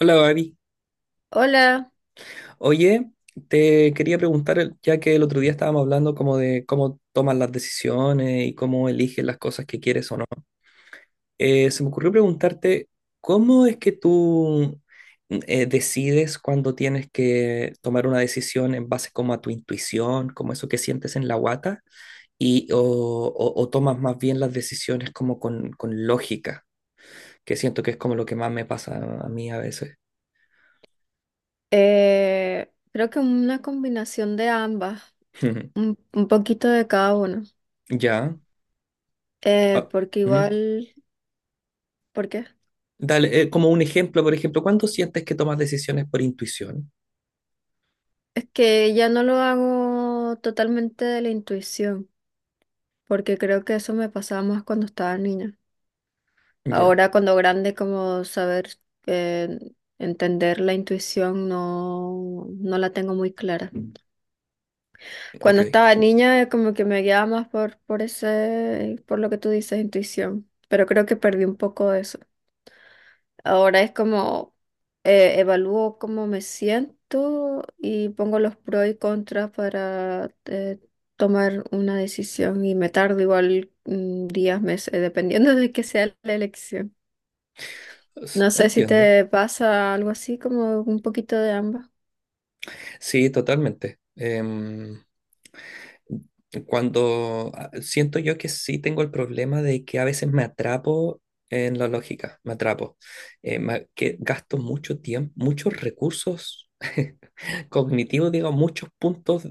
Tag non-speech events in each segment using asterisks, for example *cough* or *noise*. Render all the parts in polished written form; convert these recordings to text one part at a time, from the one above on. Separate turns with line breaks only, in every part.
Hola, Gaby.
Hola.
Oye, te quería preguntar, ya que el otro día estábamos hablando como de cómo tomas las decisiones y cómo eliges las cosas que quieres o no, se me ocurrió preguntarte, ¿cómo es que tú decides cuando tienes que tomar una decisión en base como a tu intuición, como eso que sientes en la guata, y, o tomas más bien las decisiones como con lógica, que siento que es como lo que más me pasa a mí a veces?
Creo que una combinación de ambas,
*laughs*
un poquito de cada uno.
Ya. Ah,
Porque
ujú.
igual, ¿por qué?
Dale, como un ejemplo, por ejemplo, ¿cuándo sientes que tomas decisiones por intuición?
Es que ya no lo hago totalmente de la intuición, porque creo que eso me pasaba más cuando estaba niña.
Ya,
Ahora cuando grande, como saber eh, entender la intuición no la tengo muy clara.
ok.
Cuando estaba niña, como que me guiaba más por ese, por lo que tú dices, intuición. Pero creo que perdí un poco de eso. Ahora es como evalúo cómo me siento y pongo los pros y contras para tomar una decisión y me tardo igual días, meses, dependiendo de que sea la elección. No sé si
Entiendo.
te pasa algo así, como un poquito de ambas.
Sí, totalmente. Cuando siento yo que sí tengo el problema de que a veces me atrapo en la lógica, me atrapo. Que gasto mucho tiempo, muchos recursos *laughs* cognitivos, digo, muchos puntos,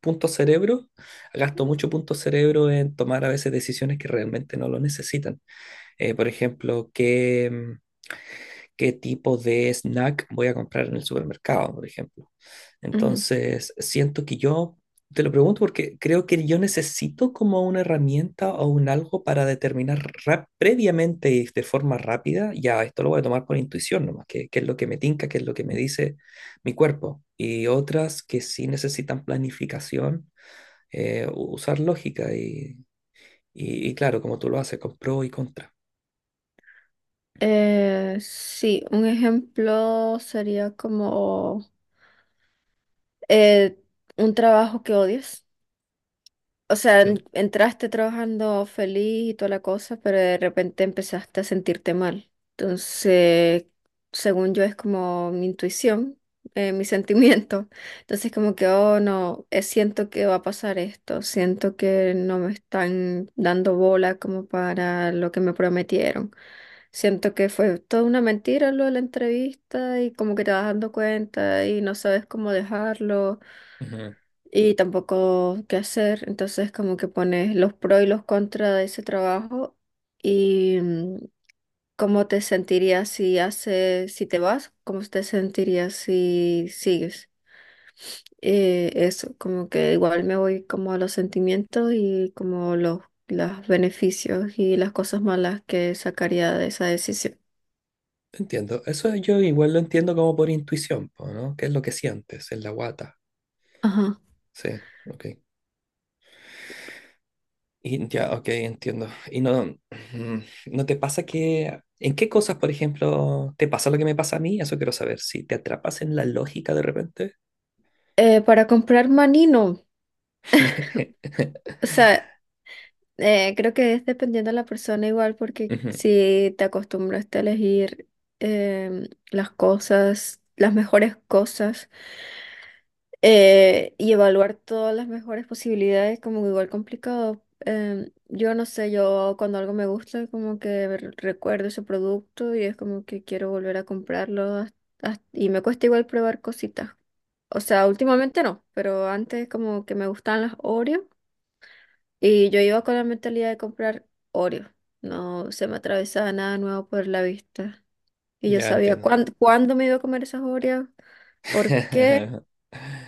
puntos cerebro. Gasto mucho punto cerebro en tomar a veces decisiones que realmente no lo necesitan. Por ejemplo, qué tipo de snack voy a comprar en el supermercado, por ejemplo. Entonces, siento que yo, te lo pregunto porque creo que yo necesito como una herramienta o un algo para determinar previamente y de forma rápida, ya esto lo voy a tomar por intuición nomás. Que qué es lo que me tinca, qué es lo que me dice mi cuerpo. Y otras que sí necesitan planificación, usar lógica y, y claro, como tú lo haces, con pro y contra.
Sí, un ejemplo sería como eh, un trabajo que odias. O sea,
Mm.
entraste trabajando feliz y toda la cosa, pero de repente empezaste a sentirte mal. Entonces, según yo, es como mi intuición, mi *laughs* sentimiento. Entonces, como que, oh, no, siento que va a pasar esto, siento que no me están dando bola como para lo que me prometieron. Siento que fue toda una mentira lo de la entrevista y como que te vas dando cuenta y no sabes cómo dejarlo
Ujú.
y tampoco qué hacer. Entonces como que pones los pros y los contras de ese trabajo y cómo te sentirías si haces, si te vas, cómo te sentirías si sigues. Eso, como que igual me voy como a los sentimientos y como los beneficios y las cosas malas que sacaría de esa decisión.
Entiendo. Eso yo igual lo entiendo como por intuición, po, ¿no? ¿Qué es lo que sientes en la guata?
Ajá.
Sí, ok. Y ya, ok, entiendo. Y no, ¿no te pasa que... ¿En qué cosas, por ejemplo, te pasa lo que me pasa a mí? Eso quiero saber. Si te atrapas en la lógica de repente.
Para comprar manino,
*laughs*
o sea, eh, creo que es dependiendo de la persona igual, porque
Ujú.
si te acostumbras a elegir las cosas, las mejores cosas, y evaluar todas las mejores posibilidades, como igual complicado. Em, yo no sé, yo cuando algo me gusta, como que recuerdo ese producto y es como que quiero volver a comprarlo y me cuesta igual probar cositas. O sea, últimamente no, pero antes como que me gustaban las Oreo. Y yo iba con la mentalidad de comprar Oreo. No se me atravesaba nada nuevo por la vista. Y yo
Ya
sabía
entiendo.
cuándo me iba a comer esas Oreos, por qué
*laughs*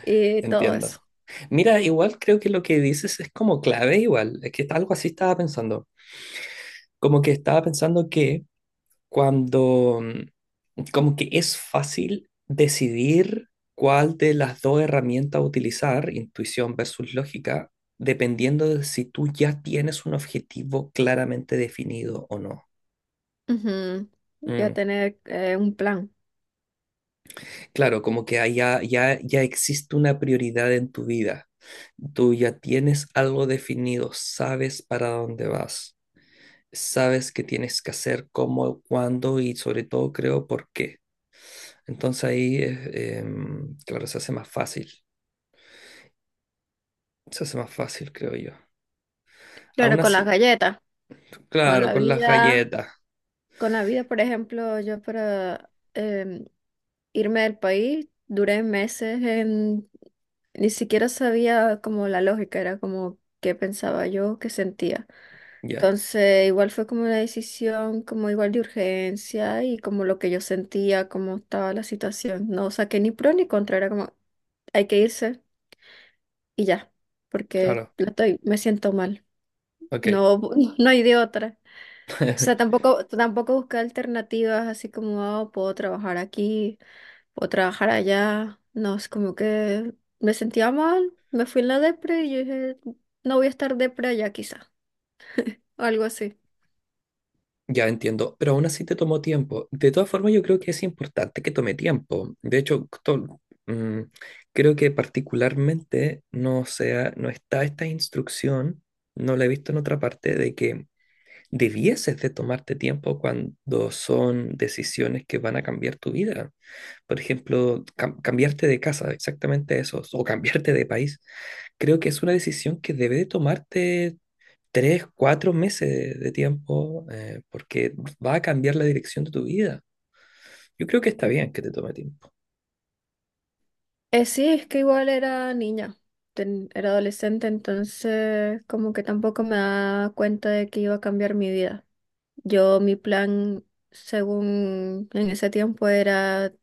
y todo eso.
Entiendo. Mira, igual creo que lo que dices es como clave, igual. Es que algo así estaba pensando. Como que estaba pensando que cuando como que es fácil decidir cuál de las dos herramientas utilizar, intuición versus lógica, dependiendo de si tú ya tienes un objetivo claramente definido o no.
Ujú. Iba
Mm.
tener un plan.
Claro, como que ahí ya existe una prioridad en tu vida. Tú ya tienes algo definido, sabes para dónde vas, sabes qué tienes que hacer, cómo, cuándo y sobre todo creo por qué. Entonces ahí, claro, se hace más fácil. Se hace más fácil, creo yo.
Claro,
Aún
con las
así,
galletas, con
claro,
la
con las
vida.
galletas.
Con la vida, por ejemplo, yo para irme del país duré meses en... Ni siquiera sabía como la lógica, era como qué pensaba yo, qué sentía.
Ya,
Entonces, igual fue como una decisión, como igual de urgencia y como lo que yo sentía, cómo estaba la situación. No saqué ni pro ni contra, era como hay que irse y ya, porque
claro.
la estoy, me siento mal.
Ok.
No, *laughs* no hay de otra. O sea,
*laughs*
tampoco busqué alternativas así como, "Ah, puedo trabajar aquí. O trabajar allá." No, es como que me sentía mal, me fui en la depre y yo dije, no voy a estar depre allá quizá, algo así.
Ya entiendo. Pero aún así te tomó tiempo. De todas formas, yo creo que es importante que tome tiempo. De hecho, to- mm, creo que particularmente no sea, no está esta instrucción, no la he visto en otra parte, de que debieses de tomarte tiempo cuando son decisiones que van a cambiar tu vida. Por ejemplo, cambiarte de casa, exactamente eso, o cambiarte de país, creo que es una decisión que debe de tomarte tres, cuatro meses de tiempo, porque va a cambiar la dirección de tu vida. Yo creo que está bien que te tome tiempo.
Sí, es que igual era niña, era adolescente, entonces como que tampoco me daba cuenta de que iba a cambiar mi vida. Yo, mi plan, según en ese tiempo, era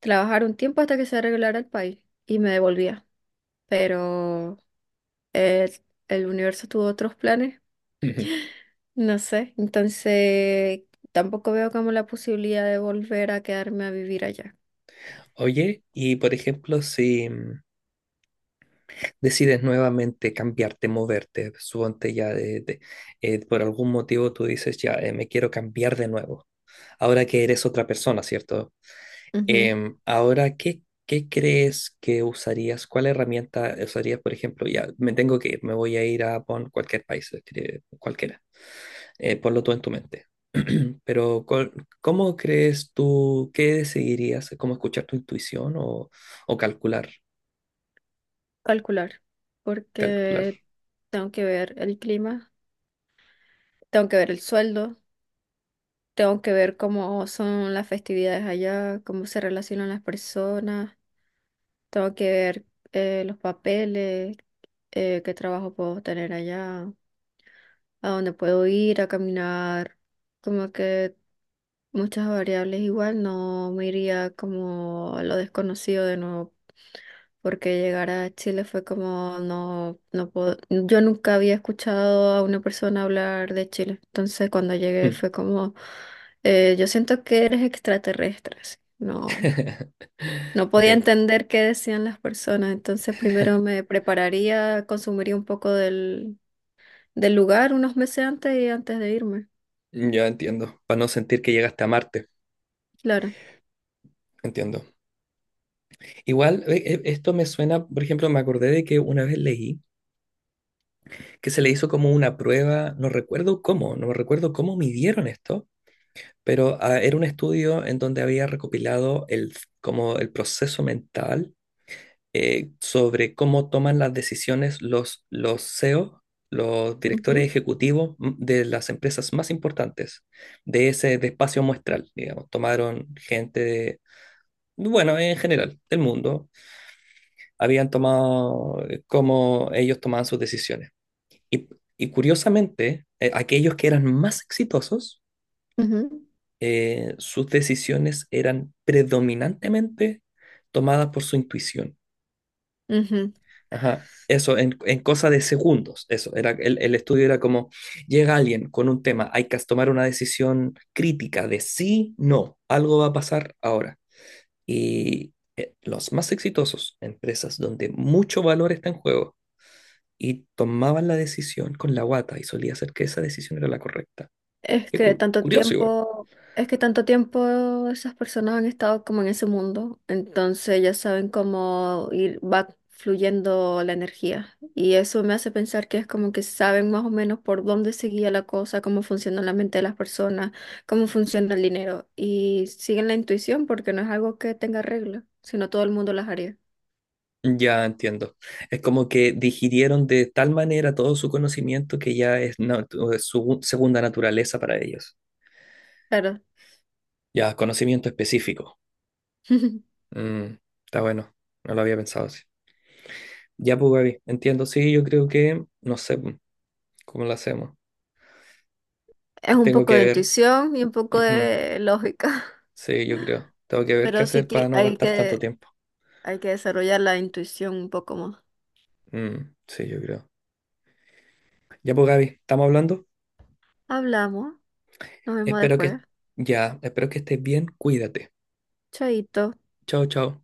trabajar un tiempo hasta que se arreglara el país y me devolvía, pero eh, el universo tuvo otros planes.
Ujú.
No sé, entonces tampoco veo como la posibilidad de volver a quedarme a vivir allá.
Oye, y por ejemplo, si decides nuevamente cambiarte, moverte, suponte ya por algún motivo tú dices, ya me quiero cambiar de nuevo, ahora que eres otra persona, ¿cierto?
Ujú.
Ahora, ¿qué, qué crees que usarías? ¿Cuál herramienta usarías, por ejemplo? Ya, me tengo que ir, me voy a ir a pon cualquier país, escribe, cualquiera. Ponlo tú en tu mente. *clears throat* Pero, ¿cómo crees tú, qué decidirías? ¿Cómo escuchar tu intuición o calcular?
Calcular,
Calcular.
porque tengo que ver el clima, tengo que ver el sueldo, tengo que ver cómo son las festividades allá, cómo se relacionan las personas, tengo que ver los papeles, qué trabajo puedo tener allá, a dónde puedo ir a caminar, como que muchas variables igual, no me iría como a lo desconocido de nuevo, porque llegar a Chile fue como, no puedo, yo nunca había escuchado a una persona hablar de Chile, entonces cuando llegué
Mm.
fue como, yo siento que eres extraterrestre, así, no,
*laughs*
no
Ok,
podía entender qué decían las personas, entonces primero me prepararía, consumiría un poco del lugar unos meses antes y antes de irme,
yo entiendo, para no sentir que llegaste a Marte,
claro.
entiendo. Igual, esto me suena, por ejemplo, me acordé de que una vez leí que se le hizo como una prueba, no recuerdo cómo, no recuerdo cómo midieron esto, pero era un estudio en donde había recopilado el, como el proceso mental sobre cómo toman las decisiones los CEO, los directores
Ujú,
ejecutivos de las empresas más importantes de ese de espacio muestral, digamos. Bueno, en general, del mundo, habían tomado cómo ellos tomaban sus decisiones. Y, y curiosamente, aquellos que eran más exitosos,
ujú,
sus decisiones eran predominantemente tomadas por su intuición.
ujú.
Ajá. Eso, en cosa de segundos, eso, era, el estudio era como, llega alguien con un tema, hay que tomar una decisión crítica de sí, no, algo va a pasar ahora. Y los más exitosos, empresas donde mucho valor está en juego, y tomaban la decisión con la guata y solía ser que esa decisión era la correcta.
Es que tanto
Curioso igual.
tiempo, es que tanto tiempo esas personas han estado como en ese mundo, entonces ya saben cómo ir, va fluyendo la energía. Y eso me hace pensar que es como que saben más o menos por dónde seguía la cosa, cómo funciona la mente de las personas, cómo funciona el dinero. Y siguen la intuición porque no es algo que tenga reglas, sino todo el mundo las haría.
Ya entiendo. Es como que digirieron de tal manera todo su conocimiento que ya es, es su segunda naturaleza para ellos.
Claro.
Ya, conocimiento específico.
*laughs*
Mm, está bueno. No lo había pensado así. Ya, pues, Gaby, entiendo. Sí, yo creo que, no sé cómo lo hacemos.
Es un
Tengo
poco
que
de
ver.
intuición y un poco
Ujú.
de lógica.
Sí, yo creo. Tengo que
*laughs*
ver qué
Pero sí
hacer para
que
no
hay
gastar tanto
que...
tiempo.
Hay que desarrollar la intuición un poco más.
Mm, sí, yo creo. Ya, pues, Gaby, ¿estamos hablando?
Hablamos, nos vemos
Espero que,
después.
ya, espero que estés bien. Cuídate.
Chaito.
Chao, chao.